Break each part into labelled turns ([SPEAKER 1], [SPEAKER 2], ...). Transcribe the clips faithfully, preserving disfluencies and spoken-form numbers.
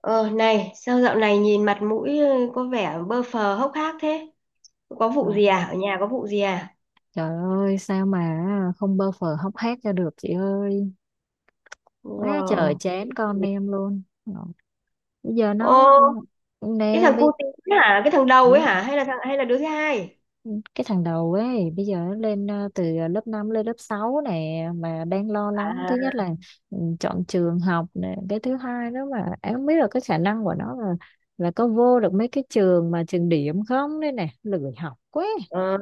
[SPEAKER 1] Ờ Này, sao dạo này nhìn mặt mũi ờ, có vẻ bơ phờ hốc hác thế? Có vụ
[SPEAKER 2] Đó.
[SPEAKER 1] gì à? Ở nhà có vụ gì à?
[SPEAKER 2] Trời ơi, sao mà không bơ phờ hóc hác cho được chị ơi, quá trời
[SPEAKER 1] Wow.
[SPEAKER 2] chán con em luôn. Đó, bây giờ
[SPEAKER 1] Ô,
[SPEAKER 2] nó
[SPEAKER 1] cái
[SPEAKER 2] nè
[SPEAKER 1] thằng
[SPEAKER 2] bây
[SPEAKER 1] cu tí hả? Cái thằng đầu ấy hả? Hay là thằng hay là đứa thứ hai?
[SPEAKER 2] cái thằng đầu ấy bây giờ nó lên ờ, từ lớp năm lên lớp sáu nè, mà đang lo lắng. Thứ
[SPEAKER 1] À,
[SPEAKER 2] nhất là ừ, chọn trường học nè, cái thứ hai đó mà em không biết là cái khả năng của nó là là có vô được mấy cái trường mà trường điểm không đây nè, lười học quá.
[SPEAKER 1] ờ.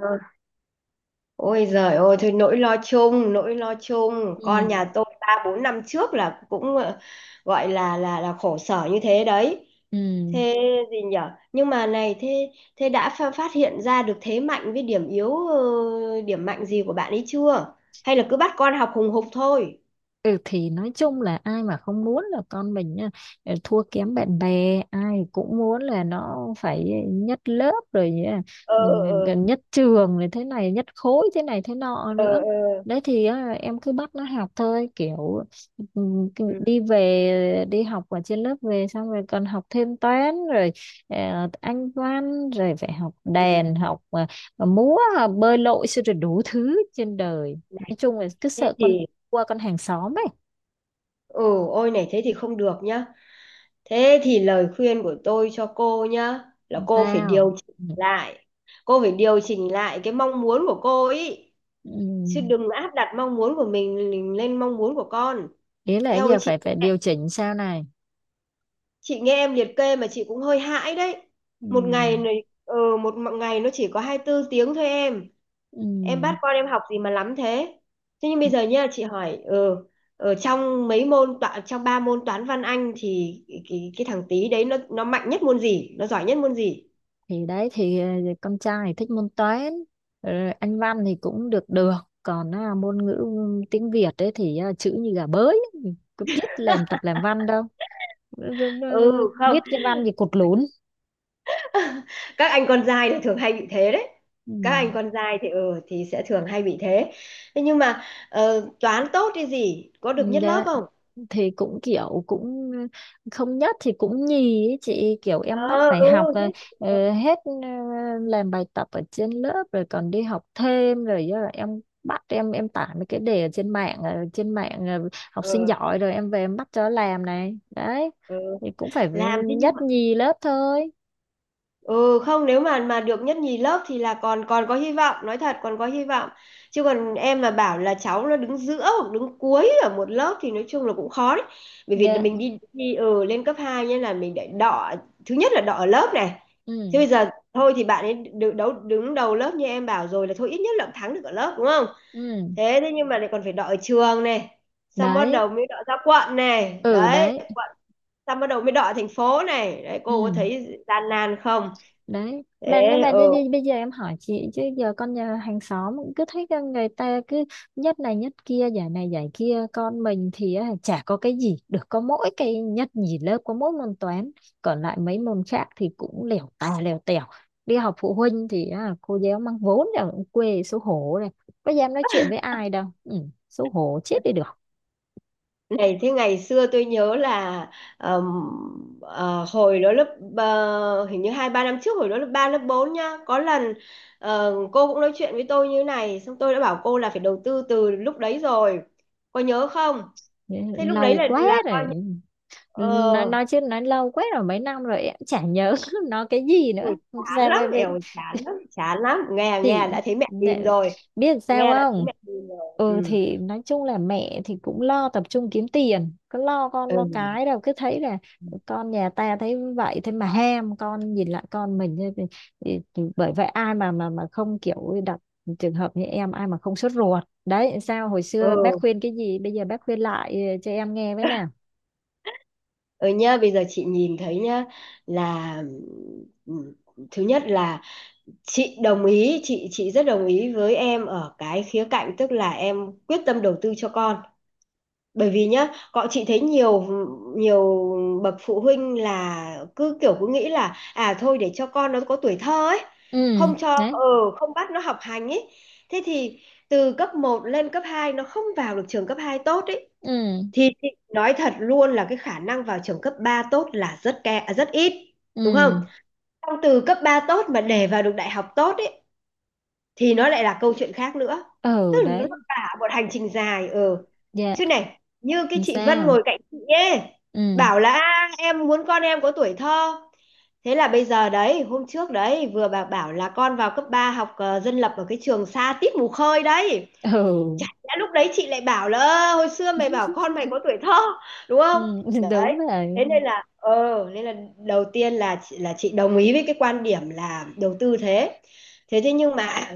[SPEAKER 1] Ôi giời ơi, thôi nỗi lo chung, nỗi lo chung.
[SPEAKER 2] Ừ.
[SPEAKER 1] Con nhà tôi ba bốn năm trước là cũng ờ, gọi là là là khổ sở như thế đấy.
[SPEAKER 2] Ừ.
[SPEAKER 1] Thế gì nhở? Nhưng mà này, thế thế đã pha- phát hiện ra được thế mạnh với điểm yếu, ờ, điểm mạnh gì của bạn ấy chưa? Hay là cứ bắt con học hùng hục thôi?
[SPEAKER 2] Ừ, thì nói chung là ai mà không muốn là con mình á, ờ, thua kém bạn bè, ai cũng muốn là nó phải nhất lớp rồi nhá, ừ,
[SPEAKER 1] Ờ
[SPEAKER 2] gần nhất trường rồi, thế này nhất khối thế này thế nọ
[SPEAKER 1] ờ
[SPEAKER 2] nữa.
[SPEAKER 1] ờ ờ.
[SPEAKER 2] Đấy thì á, em cứ bắt nó học thôi, kiểu ừ, cứ
[SPEAKER 1] Ừ,
[SPEAKER 2] đi về, đi học ở trên lớp về xong rồi còn học thêm toán rồi ờ, anh văn rồi phải học
[SPEAKER 1] ừ.
[SPEAKER 2] đàn, học ờ, múa, ờ, bơi lội, xong rồi đủ thứ trên đời.
[SPEAKER 1] Này
[SPEAKER 2] Nói chung là cứ
[SPEAKER 1] thế
[SPEAKER 2] sợ con
[SPEAKER 1] thì,
[SPEAKER 2] qua con hàng xóm ấy.
[SPEAKER 1] ừ, ôi này thế thì không được nhá. Thế thì lời khuyên của tôi cho cô nhá là
[SPEAKER 2] Không
[SPEAKER 1] cô phải
[SPEAKER 2] sao.
[SPEAKER 1] điều chỉnh
[SPEAKER 2] Ừ.
[SPEAKER 1] lại. Cô phải điều chỉnh lại cái mong muốn của cô ấy, chứ
[SPEAKER 2] Ừ.
[SPEAKER 1] đừng áp đặt mong muốn của mình lên mong muốn của con.
[SPEAKER 2] Ý là
[SPEAKER 1] Eo ơi
[SPEAKER 2] giờ
[SPEAKER 1] chị,
[SPEAKER 2] phải phải điều chỉnh sao này?
[SPEAKER 1] chị nghe em liệt kê mà chị cũng hơi hãi đấy.
[SPEAKER 2] Ừ.
[SPEAKER 1] Một ngày này ừ, Một ngày nó chỉ có hai tư tiếng thôi em.
[SPEAKER 2] Ừ.
[SPEAKER 1] Em bắt con em học gì mà lắm thế. Thế nhưng bây giờ nha chị hỏi ừ, ở trong mấy môn toán, trong ba môn toán văn anh thì cái, cái, cái thằng tí đấy nó nó mạnh nhất môn gì, nó giỏi nhất môn gì?
[SPEAKER 2] Thì đấy thì ờ, con trai thì thích môn toán, rồi anh văn thì cũng được được, còn à, môn ngữ ừ, tiếng Việt ấy thì à, chữ như gà bới, cứ biết làm tập làm văn đâu. Ừ, ừ,
[SPEAKER 1] Ừ
[SPEAKER 2] ừ,
[SPEAKER 1] không,
[SPEAKER 2] viết cái văn gì cột lún.
[SPEAKER 1] các anh con trai thì thường hay bị thế đấy.
[SPEAKER 2] Ừ.
[SPEAKER 1] Các anh con trai thì ừ thì sẽ thường hay bị thế. Thế nhưng mà ờ, toán tốt thì gì có
[SPEAKER 2] Ừ,
[SPEAKER 1] được nhất lớp
[SPEAKER 2] đấy.
[SPEAKER 1] không?
[SPEAKER 2] Thì cũng kiểu cũng không nhất thì cũng nhì ấy chị, kiểu em bắt
[SPEAKER 1] Ờ,
[SPEAKER 2] phải
[SPEAKER 1] ừ,
[SPEAKER 2] học
[SPEAKER 1] thế,
[SPEAKER 2] ờ, ờ, hết ờ, làm bài tập ở trên lớp rồi còn đi học thêm, rồi do là em bắt em em tải mấy cái đề ở trên mạng ờ, trên mạng ờ, học sinh
[SPEAKER 1] ừ,
[SPEAKER 2] giỏi, rồi em về em bắt cho làm này đấy,
[SPEAKER 1] ừ.
[SPEAKER 2] thì cũng phải
[SPEAKER 1] Làm thế nhưng mà
[SPEAKER 2] nhất nhì lớp thôi.
[SPEAKER 1] ừ không, nếu mà mà được nhất nhì lớp thì là còn còn có hy vọng, nói thật còn có hy vọng. Chứ còn em mà bảo là cháu nó đứng giữa hoặc đứng cuối ở một lớp thì nói chung là cũng khó đấy. Bởi vì
[SPEAKER 2] Dạ.
[SPEAKER 1] mình đi đi ừ, lên cấp hai nên là mình để đọ. Thứ nhất là đọ ở lớp này. Thế bây
[SPEAKER 2] Ừ.
[SPEAKER 1] giờ thôi thì bạn ấy đứng đấu đứng đầu lớp như em bảo rồi, là thôi ít nhất là cũng thắng được ở lớp, đúng không?
[SPEAKER 2] Ừ.
[SPEAKER 1] Thế thế nhưng mà lại còn phải đọ ở trường này, xong bắt
[SPEAKER 2] Đấy.
[SPEAKER 1] đầu mới đọ ra quận này
[SPEAKER 2] Ừ.
[SPEAKER 1] đấy,
[SPEAKER 2] Đấy.
[SPEAKER 1] xong bắt đầu mới đọ thành phố này đấy. Cô có
[SPEAKER 2] Ừ.
[SPEAKER 1] thấy gian nan không?
[SPEAKER 2] Đấy
[SPEAKER 1] Thế
[SPEAKER 2] mà nhưng mà đi,
[SPEAKER 1] ừ.
[SPEAKER 2] đi, bây giờ em hỏi chị chứ giờ con nhà hàng xóm cũng cứ thấy con người ta cứ nhất này nhất kia, giải này giải kia, con mình thì á, chả có cái gì được, có mỗi cái nhất nhì lớp, có mỗi môn toán, còn lại mấy môn khác thì cũng lèo tà lèo tèo. Đi học phụ huynh thì á, cô giáo mang vốn là cũng quê, xấu hổ này, có dám nói chuyện với ai đâu, ừ, xấu hổ chết đi được.
[SPEAKER 1] Này thế ngày xưa tôi nhớ là ờm, ờ, hồi đó lớp ờ, hình như hai ba năm trước, hồi đó lớp ba lớp bốn nhá, có lần ờ, cô cũng nói chuyện với tôi như này xong tôi đã bảo cô là phải đầu tư từ lúc đấy rồi, có nhớ không? Thế lúc đấy
[SPEAKER 2] Lâu
[SPEAKER 1] là
[SPEAKER 2] quá
[SPEAKER 1] là coi
[SPEAKER 2] rồi.
[SPEAKER 1] như
[SPEAKER 2] nói,
[SPEAKER 1] ờ.
[SPEAKER 2] nói chứ nói lâu quá rồi, mấy năm rồi em chả nhớ nó cái gì
[SPEAKER 1] Ôi,
[SPEAKER 2] nữa.
[SPEAKER 1] chán
[SPEAKER 2] Sao
[SPEAKER 1] lắm,
[SPEAKER 2] vậy
[SPEAKER 1] eo chán lắm chán lắm, nghe,
[SPEAKER 2] chị?
[SPEAKER 1] nghe đã thấy mẹ tìm
[SPEAKER 2] Để
[SPEAKER 1] rồi.
[SPEAKER 2] biết sao
[SPEAKER 1] Nghe đã thấy
[SPEAKER 2] không?
[SPEAKER 1] mẹ tìm rồi,
[SPEAKER 2] Ừ,
[SPEAKER 1] ừ
[SPEAKER 2] thì nói chung là mẹ thì cũng lo tập trung kiếm tiền, cứ lo con lo
[SPEAKER 1] ừ
[SPEAKER 2] cái đâu, cứ thấy là con nhà ta thấy vậy thế mà ham, con nhìn lại con mình thế thì, thì, thì bởi vậy ai mà mà mà không kiểu đặt trường hợp như em, ai mà không sốt ruột. Đấy, sao hồi xưa bác
[SPEAKER 1] ừ.
[SPEAKER 2] khuyên cái gì, bây giờ bác khuyên lại ờ, cho em nghe với nào.
[SPEAKER 1] Ừ nhá, bây giờ chị nhìn thấy nhá là ừ, thứ nhất là chị đồng ý, chị chị rất đồng ý với em ở cái khía cạnh, tức là em quyết tâm đầu tư cho con. Bởi vì nhá, bọn chị thấy nhiều nhiều bậc phụ huynh là cứ kiểu cứ nghĩ là, à thôi để cho con nó có tuổi thơ ấy,
[SPEAKER 2] Ừ.
[SPEAKER 1] không cho
[SPEAKER 2] Đấy.
[SPEAKER 1] ừ, không bắt nó học hành ấy. Thế thì từ cấp một lên cấp hai nó không vào được trường cấp hai tốt ấy,
[SPEAKER 2] Ừ.
[SPEAKER 1] thì, thì nói thật luôn là cái khả năng vào trường cấp ba tốt là rất ke, à, rất ít, đúng không?
[SPEAKER 2] Ừ.
[SPEAKER 1] Xong từ cấp ba tốt mà để vào được đại học tốt ấy thì nó lại là câu chuyện khác nữa, tức
[SPEAKER 2] Ừ.
[SPEAKER 1] là nó
[SPEAKER 2] Đấy.
[SPEAKER 1] cả một hành trình dài ừ.
[SPEAKER 2] Dạ.
[SPEAKER 1] Chứ này như cái
[SPEAKER 2] Làm
[SPEAKER 1] chị Vân
[SPEAKER 2] sao?
[SPEAKER 1] ngồi cạnh chị ấy
[SPEAKER 2] Ừ.
[SPEAKER 1] bảo là, "À, em muốn con em có tuổi thơ." Thế là bây giờ đấy, hôm trước đấy vừa bà bảo là con vào cấp ba học ờ, dân lập ở cái trường xa tít mù khơi đấy. Chả
[SPEAKER 2] Ừ.
[SPEAKER 1] lẽ lúc đấy chị lại bảo là, "Ơ, hồi xưa mày bảo con mày có tuổi thơ", đúng
[SPEAKER 2] Ừ,
[SPEAKER 1] không? Đấy,
[SPEAKER 2] đúng rồi.
[SPEAKER 1] thế nên là ờ, nên là đầu tiên là chị là chị đồng ý với cái quan điểm là đầu tư, thế thế thế nhưng mà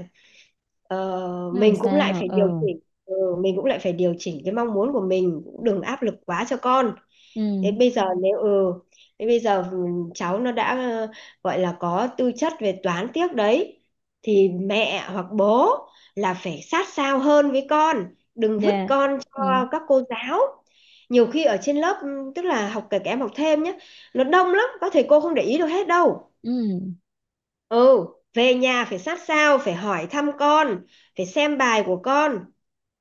[SPEAKER 1] ờ,
[SPEAKER 2] Nó làm
[SPEAKER 1] mình cũng lại
[SPEAKER 2] sao?
[SPEAKER 1] phải điều
[SPEAKER 2] Ừ.
[SPEAKER 1] chỉnh ừ, mình cũng lại phải điều chỉnh cái mong muốn của mình, cũng đừng áp lực quá cho con.
[SPEAKER 2] Ừ.
[SPEAKER 1] Thế bây giờ nếu ừ, thế bây giờ ừ, cháu nó đã ờ, gọi là có tư chất về toán tiếc đấy, thì mẹ hoặc bố là phải sát sao hơn với con, đừng vứt
[SPEAKER 2] Dạ.
[SPEAKER 1] con
[SPEAKER 2] Ừ.
[SPEAKER 1] cho các cô giáo. Nhiều khi ở trên lớp ừ, tức là học kể cả em học thêm nhé, nó đông lắm, các thầy cô không để ý được hết đâu
[SPEAKER 2] Ừ.
[SPEAKER 1] ừ. Về nhà phải sát sao, phải hỏi thăm con, phải xem bài của con,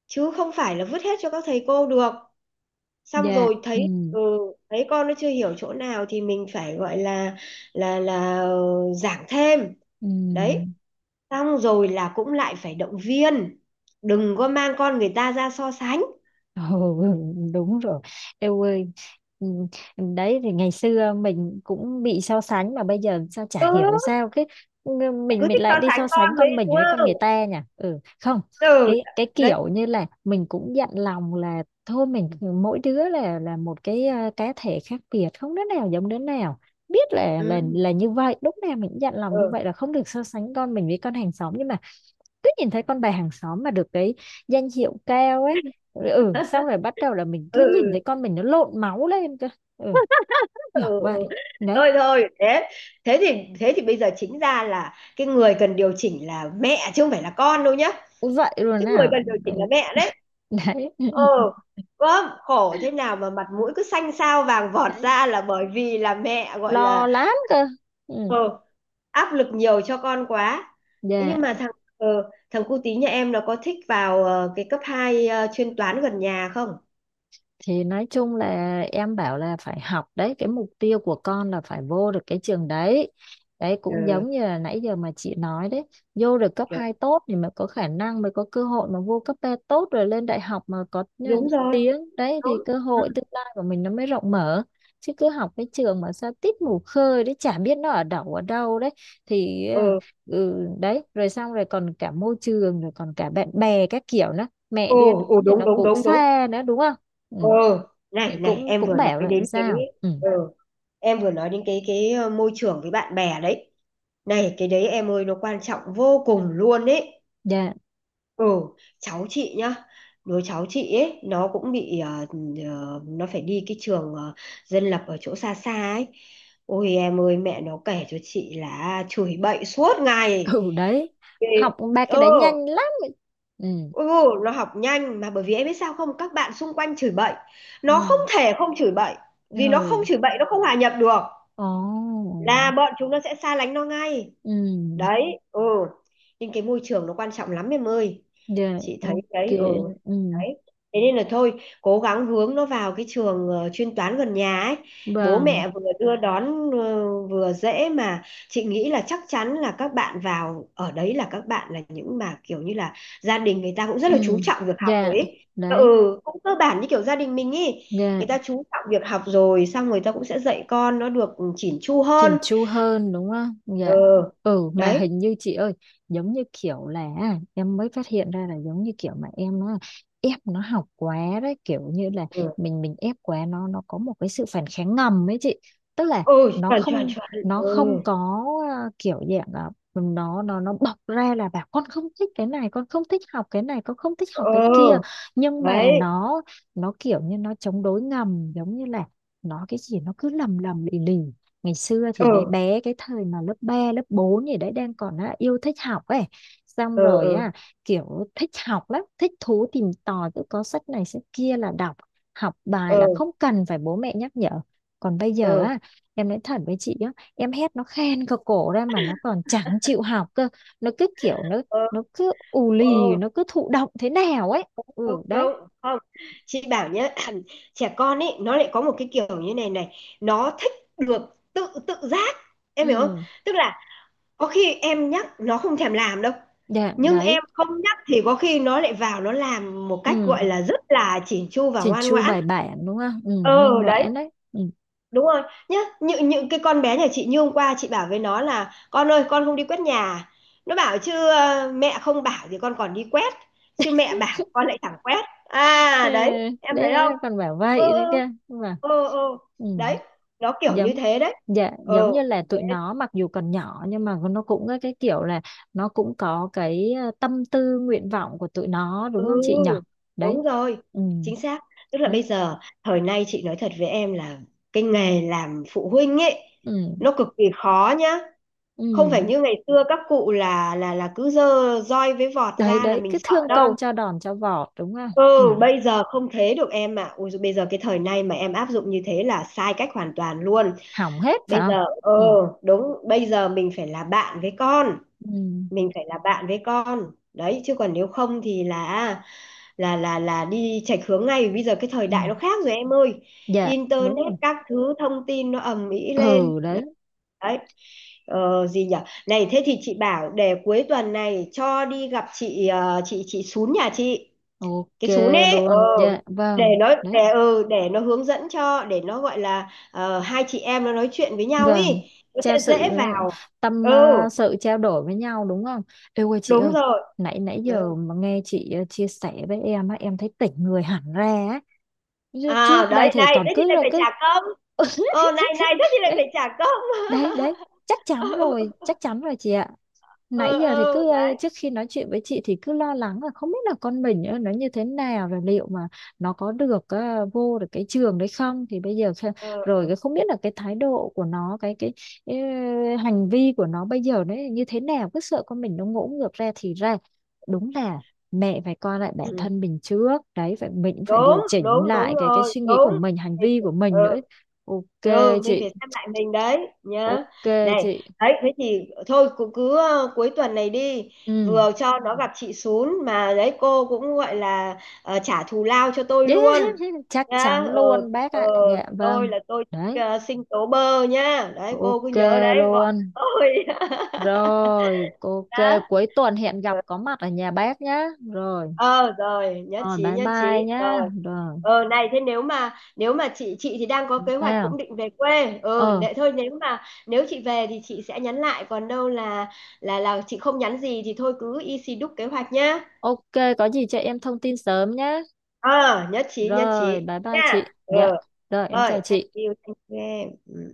[SPEAKER 1] chứ không phải là vứt hết cho các thầy cô được. Xong
[SPEAKER 2] Dạ.
[SPEAKER 1] rồi
[SPEAKER 2] Ừ.
[SPEAKER 1] thấy ừ, thấy con nó chưa hiểu chỗ nào thì mình phải gọi là là là ờ, giảng thêm đấy.
[SPEAKER 2] Ừ.
[SPEAKER 1] Xong rồi là cũng lại phải động viên, đừng có mang con người ta ra so sánh,
[SPEAKER 2] Ồ, đúng rồi em ơi. Ừ, đấy thì ngày xưa mình cũng bị so sánh, mà bây giờ sao
[SPEAKER 1] ừ,
[SPEAKER 2] chả hiểu sao cái ừ, mình
[SPEAKER 1] cứ
[SPEAKER 2] mình
[SPEAKER 1] thích so
[SPEAKER 2] lại đi
[SPEAKER 1] sánh
[SPEAKER 2] so sánh
[SPEAKER 1] con với,
[SPEAKER 2] con mình
[SPEAKER 1] đúng
[SPEAKER 2] với con người
[SPEAKER 1] không,
[SPEAKER 2] ta nhỉ. Ừ không,
[SPEAKER 1] ừ
[SPEAKER 2] cái cái
[SPEAKER 1] đấy
[SPEAKER 2] kiểu như là mình cũng dặn lòng là thôi mình mỗi đứa là là một cái ờ, cá thể khác biệt, không đứa nào giống đứa nào. Biết là là
[SPEAKER 1] ừ
[SPEAKER 2] là như vậy, lúc nào mình cũng dặn lòng như
[SPEAKER 1] ừ.
[SPEAKER 2] vậy là không được so sánh con mình với con hàng xóm, nhưng mà cứ nhìn thấy con bà hàng xóm mà được cái danh hiệu cao ấy, ừ, xong rồi bắt đầu là mình cứ
[SPEAKER 1] Ừ.
[SPEAKER 2] nhìn thấy con mình nó lộn máu lên cơ. Ừ,
[SPEAKER 1] Ừ,
[SPEAKER 2] kiểu vậy
[SPEAKER 1] ừ.
[SPEAKER 2] đấy.
[SPEAKER 1] Thôi thôi thế, thế thì thế thì bây giờ chính ra là cái người cần điều chỉnh là mẹ chứ không phải là con đâu nhá.
[SPEAKER 2] Vậy luôn
[SPEAKER 1] Cái người
[SPEAKER 2] à?
[SPEAKER 1] cần điều chỉnh là
[SPEAKER 2] Đấy.
[SPEAKER 1] mẹ đấy ờ. Có khổ thế nào mà mặt mũi cứ xanh xao vàng vọt
[SPEAKER 2] Đấy,
[SPEAKER 1] ra là bởi vì là mẹ gọi
[SPEAKER 2] lo
[SPEAKER 1] là
[SPEAKER 2] lắm cơ. Ừ.
[SPEAKER 1] ờ, áp lực nhiều cho con quá. Thế
[SPEAKER 2] Dạ,
[SPEAKER 1] nhưng mà thằng ừ, thằng cu tí nhà em nó có thích vào ờ, cái cấp hai ờ, chuyên toán gần nhà không?
[SPEAKER 2] thì nói chung là em bảo là phải học, đấy, cái mục tiêu của con là phải vô được cái trường đấy, đấy, cũng
[SPEAKER 1] Ừ,
[SPEAKER 2] giống như là nãy giờ mà chị nói đấy. Vô được cấp
[SPEAKER 1] dạ,
[SPEAKER 2] hai tốt thì mới có khả năng, mới có cơ hội mà vô cấp ba tốt, rồi lên đại học mà có ờ,
[SPEAKER 1] đúng rồi,
[SPEAKER 2] tiếng đấy, thì
[SPEAKER 1] đúng
[SPEAKER 2] cơ hội tương lai của mình nó mới rộng mở. Chứ cứ học cái trường mà sao tít mù khơi đấy, chả biết nó ở đâu ở đâu đấy thì ờ,
[SPEAKER 1] ừ.
[SPEAKER 2] ừ, đấy, rồi xong rồi còn cả môi trường rồi còn cả bạn bè các kiểu nữa, mẹ
[SPEAKER 1] Ồ,
[SPEAKER 2] đưa
[SPEAKER 1] ồ
[SPEAKER 2] đón thì
[SPEAKER 1] đúng
[SPEAKER 2] nó
[SPEAKER 1] đúng
[SPEAKER 2] cũng
[SPEAKER 1] đúng đúng
[SPEAKER 2] xa nữa đúng không? Ừ,
[SPEAKER 1] ừ. Này
[SPEAKER 2] thì
[SPEAKER 1] này
[SPEAKER 2] cũng
[SPEAKER 1] em
[SPEAKER 2] cũng
[SPEAKER 1] vừa
[SPEAKER 2] bảo
[SPEAKER 1] nói
[SPEAKER 2] là
[SPEAKER 1] đến cái
[SPEAKER 2] sao. Ừ.
[SPEAKER 1] ừ, em vừa nói đến cái cái ờ, môi trường với bạn bè đấy. Này cái đấy em ơi, nó quan trọng vô cùng luôn đấy
[SPEAKER 2] Dạ.
[SPEAKER 1] ừ. Cháu chị nhá, đứa cháu chị ấy nó cũng bị ờ, ờ, nó phải đi cái trường ờ, dân lập ở chỗ xa xa ấy. Ôi em ơi, mẹ nó kể cho chị là chửi bậy suốt ngày.
[SPEAKER 2] Ừ, đấy,
[SPEAKER 1] Ê,
[SPEAKER 2] học ba cái
[SPEAKER 1] ừ.
[SPEAKER 2] đấy nhanh lắm. Ừ.
[SPEAKER 1] Ừ, nó học nhanh mà, bởi vì em biết sao không, các bạn xung quanh chửi bậy, nó không
[SPEAKER 2] Ừ.
[SPEAKER 1] thể không chửi bậy, vì nó không
[SPEAKER 2] Ừ.
[SPEAKER 1] chửi bậy nó không hòa nhập được,
[SPEAKER 2] Ồ.
[SPEAKER 1] là bọn chúng nó sẽ xa lánh nó ngay
[SPEAKER 2] Ừ.
[SPEAKER 1] đấy ừ. Nên cái môi trường nó quan trọng lắm em ơi,
[SPEAKER 2] Dạ.
[SPEAKER 1] chị thấy
[SPEAKER 2] Ok.
[SPEAKER 1] đấy ừ
[SPEAKER 2] Ừ.
[SPEAKER 1] đấy. Thế nên là thôi cố gắng hướng nó vào cái trường ờ, chuyên toán gần nhà ấy, bố
[SPEAKER 2] Vâng.
[SPEAKER 1] mẹ vừa đưa đón ờ, vừa dễ mà. Chị nghĩ là chắc chắn là các bạn vào ở đấy là các bạn là những mà kiểu như là gia đình người ta cũng rất
[SPEAKER 2] Ừ.
[SPEAKER 1] là chú trọng việc học rồi
[SPEAKER 2] Dạ.
[SPEAKER 1] ấy
[SPEAKER 2] Đấy.
[SPEAKER 1] ừ, cũng cơ bản như kiểu gia đình mình ấy. Người
[SPEAKER 2] Dạ,
[SPEAKER 1] ta chú trọng việc học rồi xong người ta cũng sẽ dạy con nó được chỉn chu
[SPEAKER 2] chỉnh
[SPEAKER 1] hơn
[SPEAKER 2] chu hơn đúng không?
[SPEAKER 1] ừ
[SPEAKER 2] Dạ. Ừ mà
[SPEAKER 1] đấy
[SPEAKER 2] hình như chị ơi, giống như kiểu là em mới phát hiện ra là giống như kiểu mà em nó ép nó học quá đấy, kiểu như là
[SPEAKER 1] ừ.
[SPEAKER 2] mình mình ép quá, nó nó có một cái sự phản kháng ngầm ấy chị. Tức là
[SPEAKER 1] Ừ
[SPEAKER 2] nó
[SPEAKER 1] chuẩn chuẩn
[SPEAKER 2] không,
[SPEAKER 1] chuẩn,
[SPEAKER 2] nó
[SPEAKER 1] ừ
[SPEAKER 2] không có à, kiểu dạng là nó nó nó bộc ra là bảo con không thích cái này, con không thích học cái này, con không thích học cái kia,
[SPEAKER 1] ừ
[SPEAKER 2] nhưng mà
[SPEAKER 1] đấy,
[SPEAKER 2] nó nó kiểu như nó chống đối ngầm, giống như là nó cái gì nó cứ lầm lầm lì lì. Ngày xưa thì bé
[SPEAKER 1] ừ
[SPEAKER 2] bé, cái thời mà lớp ba lớp bốn gì đấy đang còn á, yêu thích học ấy, xong
[SPEAKER 1] ừ
[SPEAKER 2] rồi
[SPEAKER 1] ừ
[SPEAKER 2] á, kiểu thích học lắm, thích thú tìm tòi, cứ có sách này sách kia là đọc, học bài
[SPEAKER 1] ừ
[SPEAKER 2] là không cần phải bố mẹ nhắc nhở. Còn bây giờ
[SPEAKER 1] ừ
[SPEAKER 2] á, em nói thật với chị á, em hét nó khen cả cổ ra mà nó còn chẳng chịu học cơ. Nó cứ kiểu nó
[SPEAKER 1] ừ
[SPEAKER 2] nó cứ ù lì,
[SPEAKER 1] ừ
[SPEAKER 2] nó cứ thụ động thế nào ấy.
[SPEAKER 1] đúng
[SPEAKER 2] Ừ, đấy.
[SPEAKER 1] đúng không. Chị bảo nhá, trẻ con ấy nó lại có một cái kiểu như này này, nó thích được tự tự giác, em hiểu không?
[SPEAKER 2] Ừ.
[SPEAKER 1] Tức là có khi em nhắc nó không thèm làm đâu,
[SPEAKER 2] Dạ.
[SPEAKER 1] nhưng
[SPEAKER 2] Đấy.
[SPEAKER 1] em không nhắc thì có khi nó lại vào nó làm một cách gọi
[SPEAKER 2] Ừ,
[SPEAKER 1] là rất là chỉn chu và
[SPEAKER 2] chỉnh
[SPEAKER 1] ngoan
[SPEAKER 2] chu
[SPEAKER 1] ngoãn
[SPEAKER 2] bài bản đúng không, ừ, ngoan
[SPEAKER 1] ờ đấy.
[SPEAKER 2] ngoãn đấy. Ừ.
[SPEAKER 1] Đúng rồi nhá, những những cái con bé nhà chị như hôm qua chị bảo với nó là, con ơi con không đi quét nhà, nó bảo chứ ờ, mẹ không bảo thì con còn đi quét, chứ mẹ bảo con lại chẳng quét
[SPEAKER 2] Ừ,
[SPEAKER 1] à, đấy em
[SPEAKER 2] đấy,
[SPEAKER 1] thấy không,
[SPEAKER 2] đấy còn bảo
[SPEAKER 1] ừ
[SPEAKER 2] vậy
[SPEAKER 1] ừ
[SPEAKER 2] đấy kia mà.
[SPEAKER 1] ừ ừ
[SPEAKER 2] Ừ.
[SPEAKER 1] đấy. Nó kiểu như
[SPEAKER 2] Giống,
[SPEAKER 1] thế đấy
[SPEAKER 2] dạ, giống
[SPEAKER 1] ừ
[SPEAKER 2] như là
[SPEAKER 1] thế,
[SPEAKER 2] tụi nó mặc dù còn nhỏ nhưng mà nó cũng có cái kiểu là nó cũng có cái ờ, tâm tư nguyện vọng của tụi nó,
[SPEAKER 1] ừ
[SPEAKER 2] đúng không chị nhỉ? Đấy.
[SPEAKER 1] đúng rồi,
[SPEAKER 2] Ừ,
[SPEAKER 1] chính xác. Tức là
[SPEAKER 2] đấy.
[SPEAKER 1] bây giờ thời nay chị nói thật với em là cái nghề làm phụ huynh ấy
[SPEAKER 2] Ừ.
[SPEAKER 1] nó cực kỳ khó nhá.
[SPEAKER 2] Ừ.
[SPEAKER 1] Không phải như ngày xưa các cụ là là là cứ dơ roi với vọt
[SPEAKER 2] Đấy,
[SPEAKER 1] ra là
[SPEAKER 2] đấy,
[SPEAKER 1] mình
[SPEAKER 2] cứ
[SPEAKER 1] sợ
[SPEAKER 2] thương con
[SPEAKER 1] đâu
[SPEAKER 2] cho đòn cho vọt đúng không?
[SPEAKER 1] ừ.
[SPEAKER 2] Ừ.
[SPEAKER 1] Bây giờ không thế được em ạ, ui dồi, bây giờ cái thời nay mà em áp dụng như thế là sai cách hoàn toàn luôn.
[SPEAKER 2] Hỏng hết phải
[SPEAKER 1] Bây
[SPEAKER 2] không?
[SPEAKER 1] giờ ờ,
[SPEAKER 2] Ừ.
[SPEAKER 1] đúng, bây giờ mình phải là bạn với con,
[SPEAKER 2] Ừ.
[SPEAKER 1] mình phải là bạn với con đấy, chứ còn nếu không thì là là là là đi chệch hướng ngay. Bây giờ cái thời
[SPEAKER 2] Ừ.
[SPEAKER 1] đại nó khác rồi em ơi,
[SPEAKER 2] Dạ đúng
[SPEAKER 1] internet
[SPEAKER 2] rồi.
[SPEAKER 1] các thứ thông tin nó ầm ĩ lên
[SPEAKER 2] Ừ, đấy.
[SPEAKER 1] đấy. ờ, gì nhở, này thế thì chị bảo để cuối tuần này cho đi gặp chị ờ, chị chị Sún nhà chị,
[SPEAKER 2] Ok
[SPEAKER 1] cái Sún ấy ờ,
[SPEAKER 2] luôn. Dạ
[SPEAKER 1] để
[SPEAKER 2] vâng.
[SPEAKER 1] nó
[SPEAKER 2] Đấy,
[SPEAKER 1] để ừ, để nó hướng dẫn cho, để nó gọi là ờ, hai chị em nó nói chuyện với nhau ý,
[SPEAKER 2] Vâng,
[SPEAKER 1] nó
[SPEAKER 2] trao
[SPEAKER 1] sẽ
[SPEAKER 2] sự
[SPEAKER 1] dễ vào.
[SPEAKER 2] tâm,
[SPEAKER 1] Ừ
[SPEAKER 2] ờ, sự trao đổi với nhau đúng không? Ê ơi chị
[SPEAKER 1] đúng
[SPEAKER 2] ơi,
[SPEAKER 1] rồi.
[SPEAKER 2] nãy nãy giờ
[SPEAKER 1] Ừ.
[SPEAKER 2] mà nghe chị ờ, chia sẻ với em á, em thấy tỉnh người hẳn ra á. Chứ
[SPEAKER 1] À
[SPEAKER 2] trước đây
[SPEAKER 1] đấy
[SPEAKER 2] thì
[SPEAKER 1] này
[SPEAKER 2] còn
[SPEAKER 1] thế thì
[SPEAKER 2] cứ
[SPEAKER 1] lại
[SPEAKER 2] là
[SPEAKER 1] phải
[SPEAKER 2] cứ
[SPEAKER 1] trả công, ờ này này thế thì lại
[SPEAKER 2] đấy,
[SPEAKER 1] phải trả công.
[SPEAKER 2] đấy, đấy, chắc chắn
[SPEAKER 1] Ừ
[SPEAKER 2] rồi, chắc chắn rồi chị ạ. Nãy
[SPEAKER 1] ừ,
[SPEAKER 2] giờ thì
[SPEAKER 1] ừ,
[SPEAKER 2] cứ ờ,
[SPEAKER 1] đấy,
[SPEAKER 2] trước khi nói chuyện với chị thì cứ lo lắng là không biết là con mình ờ, nó như thế nào, rồi liệu mà nó có được ờ, vô được cái trường đấy không, thì bây giờ kh-,
[SPEAKER 1] ừ,
[SPEAKER 2] rồi
[SPEAKER 1] ừ.
[SPEAKER 2] cái không biết là cái thái độ của nó cái cái ờ, hành vi của nó bây giờ đấy như thế nào, cứ sợ con mình nó ngỗ ngược ra thì ra. Đúng là mẹ phải coi lại bản
[SPEAKER 1] Ừ.
[SPEAKER 2] thân mình trước đấy, phải mình cũng phải
[SPEAKER 1] Đúng
[SPEAKER 2] điều chỉnh
[SPEAKER 1] đúng
[SPEAKER 2] lại
[SPEAKER 1] đúng
[SPEAKER 2] cái cái
[SPEAKER 1] rồi
[SPEAKER 2] suy nghĩ của
[SPEAKER 1] đúng
[SPEAKER 2] mình, hành vi của mình nữa.
[SPEAKER 1] ừ.
[SPEAKER 2] Ok
[SPEAKER 1] Ừ, mình
[SPEAKER 2] chị,
[SPEAKER 1] phải xem lại mình đấy nhá.
[SPEAKER 2] ok
[SPEAKER 1] Này,
[SPEAKER 2] chị.
[SPEAKER 1] đấy thế thì thôi cũng cứ ờ, cuối tuần này đi,
[SPEAKER 2] Ừ.
[SPEAKER 1] vừa cho nó gặp chị Sún mà đấy cô cũng gọi là ờ, trả thù lao cho tôi luôn
[SPEAKER 2] Chắc chắn
[SPEAKER 1] nhá. Ừ,
[SPEAKER 2] luôn bác
[SPEAKER 1] ừ,
[SPEAKER 2] ạ. Dạ
[SPEAKER 1] tôi
[SPEAKER 2] vâng.
[SPEAKER 1] là tôi thích
[SPEAKER 2] Đấy,
[SPEAKER 1] ờ, sinh tố bơ nhá. Đấy cô cứ
[SPEAKER 2] ok
[SPEAKER 1] nhớ đấy gọi
[SPEAKER 2] luôn.
[SPEAKER 1] tôi.
[SPEAKER 2] Rồi, ok,
[SPEAKER 1] Đó.
[SPEAKER 2] cuối tuần hẹn gặp có mặt ở nhà bác nhá. Rồi,
[SPEAKER 1] Ờ rồi, nhất
[SPEAKER 2] rồi
[SPEAKER 1] trí
[SPEAKER 2] bye
[SPEAKER 1] nhất
[SPEAKER 2] bye
[SPEAKER 1] trí
[SPEAKER 2] nhá.
[SPEAKER 1] rồi.
[SPEAKER 2] Rồi,
[SPEAKER 1] Ờ này thế nếu mà nếu mà chị chị thì đang có kế hoạch cũng
[SPEAKER 2] nào.
[SPEAKER 1] định về quê ờ
[SPEAKER 2] Ờ,
[SPEAKER 1] nệ, thôi nếu mà nếu chị về thì chị sẽ nhắn lại, còn đâu là là là chị không nhắn gì thì thôi cứ y xì đúc kế hoạch nhá.
[SPEAKER 2] ok, có gì cho em thông tin sớm nhá.
[SPEAKER 1] Ờ, nhất trí nhất
[SPEAKER 2] Rồi,
[SPEAKER 1] trí
[SPEAKER 2] bye bye chị.
[SPEAKER 1] nha. Ờ
[SPEAKER 2] Dạ. Rồi, em
[SPEAKER 1] rồi,
[SPEAKER 2] chào
[SPEAKER 1] thank
[SPEAKER 2] chị.
[SPEAKER 1] you thank you em.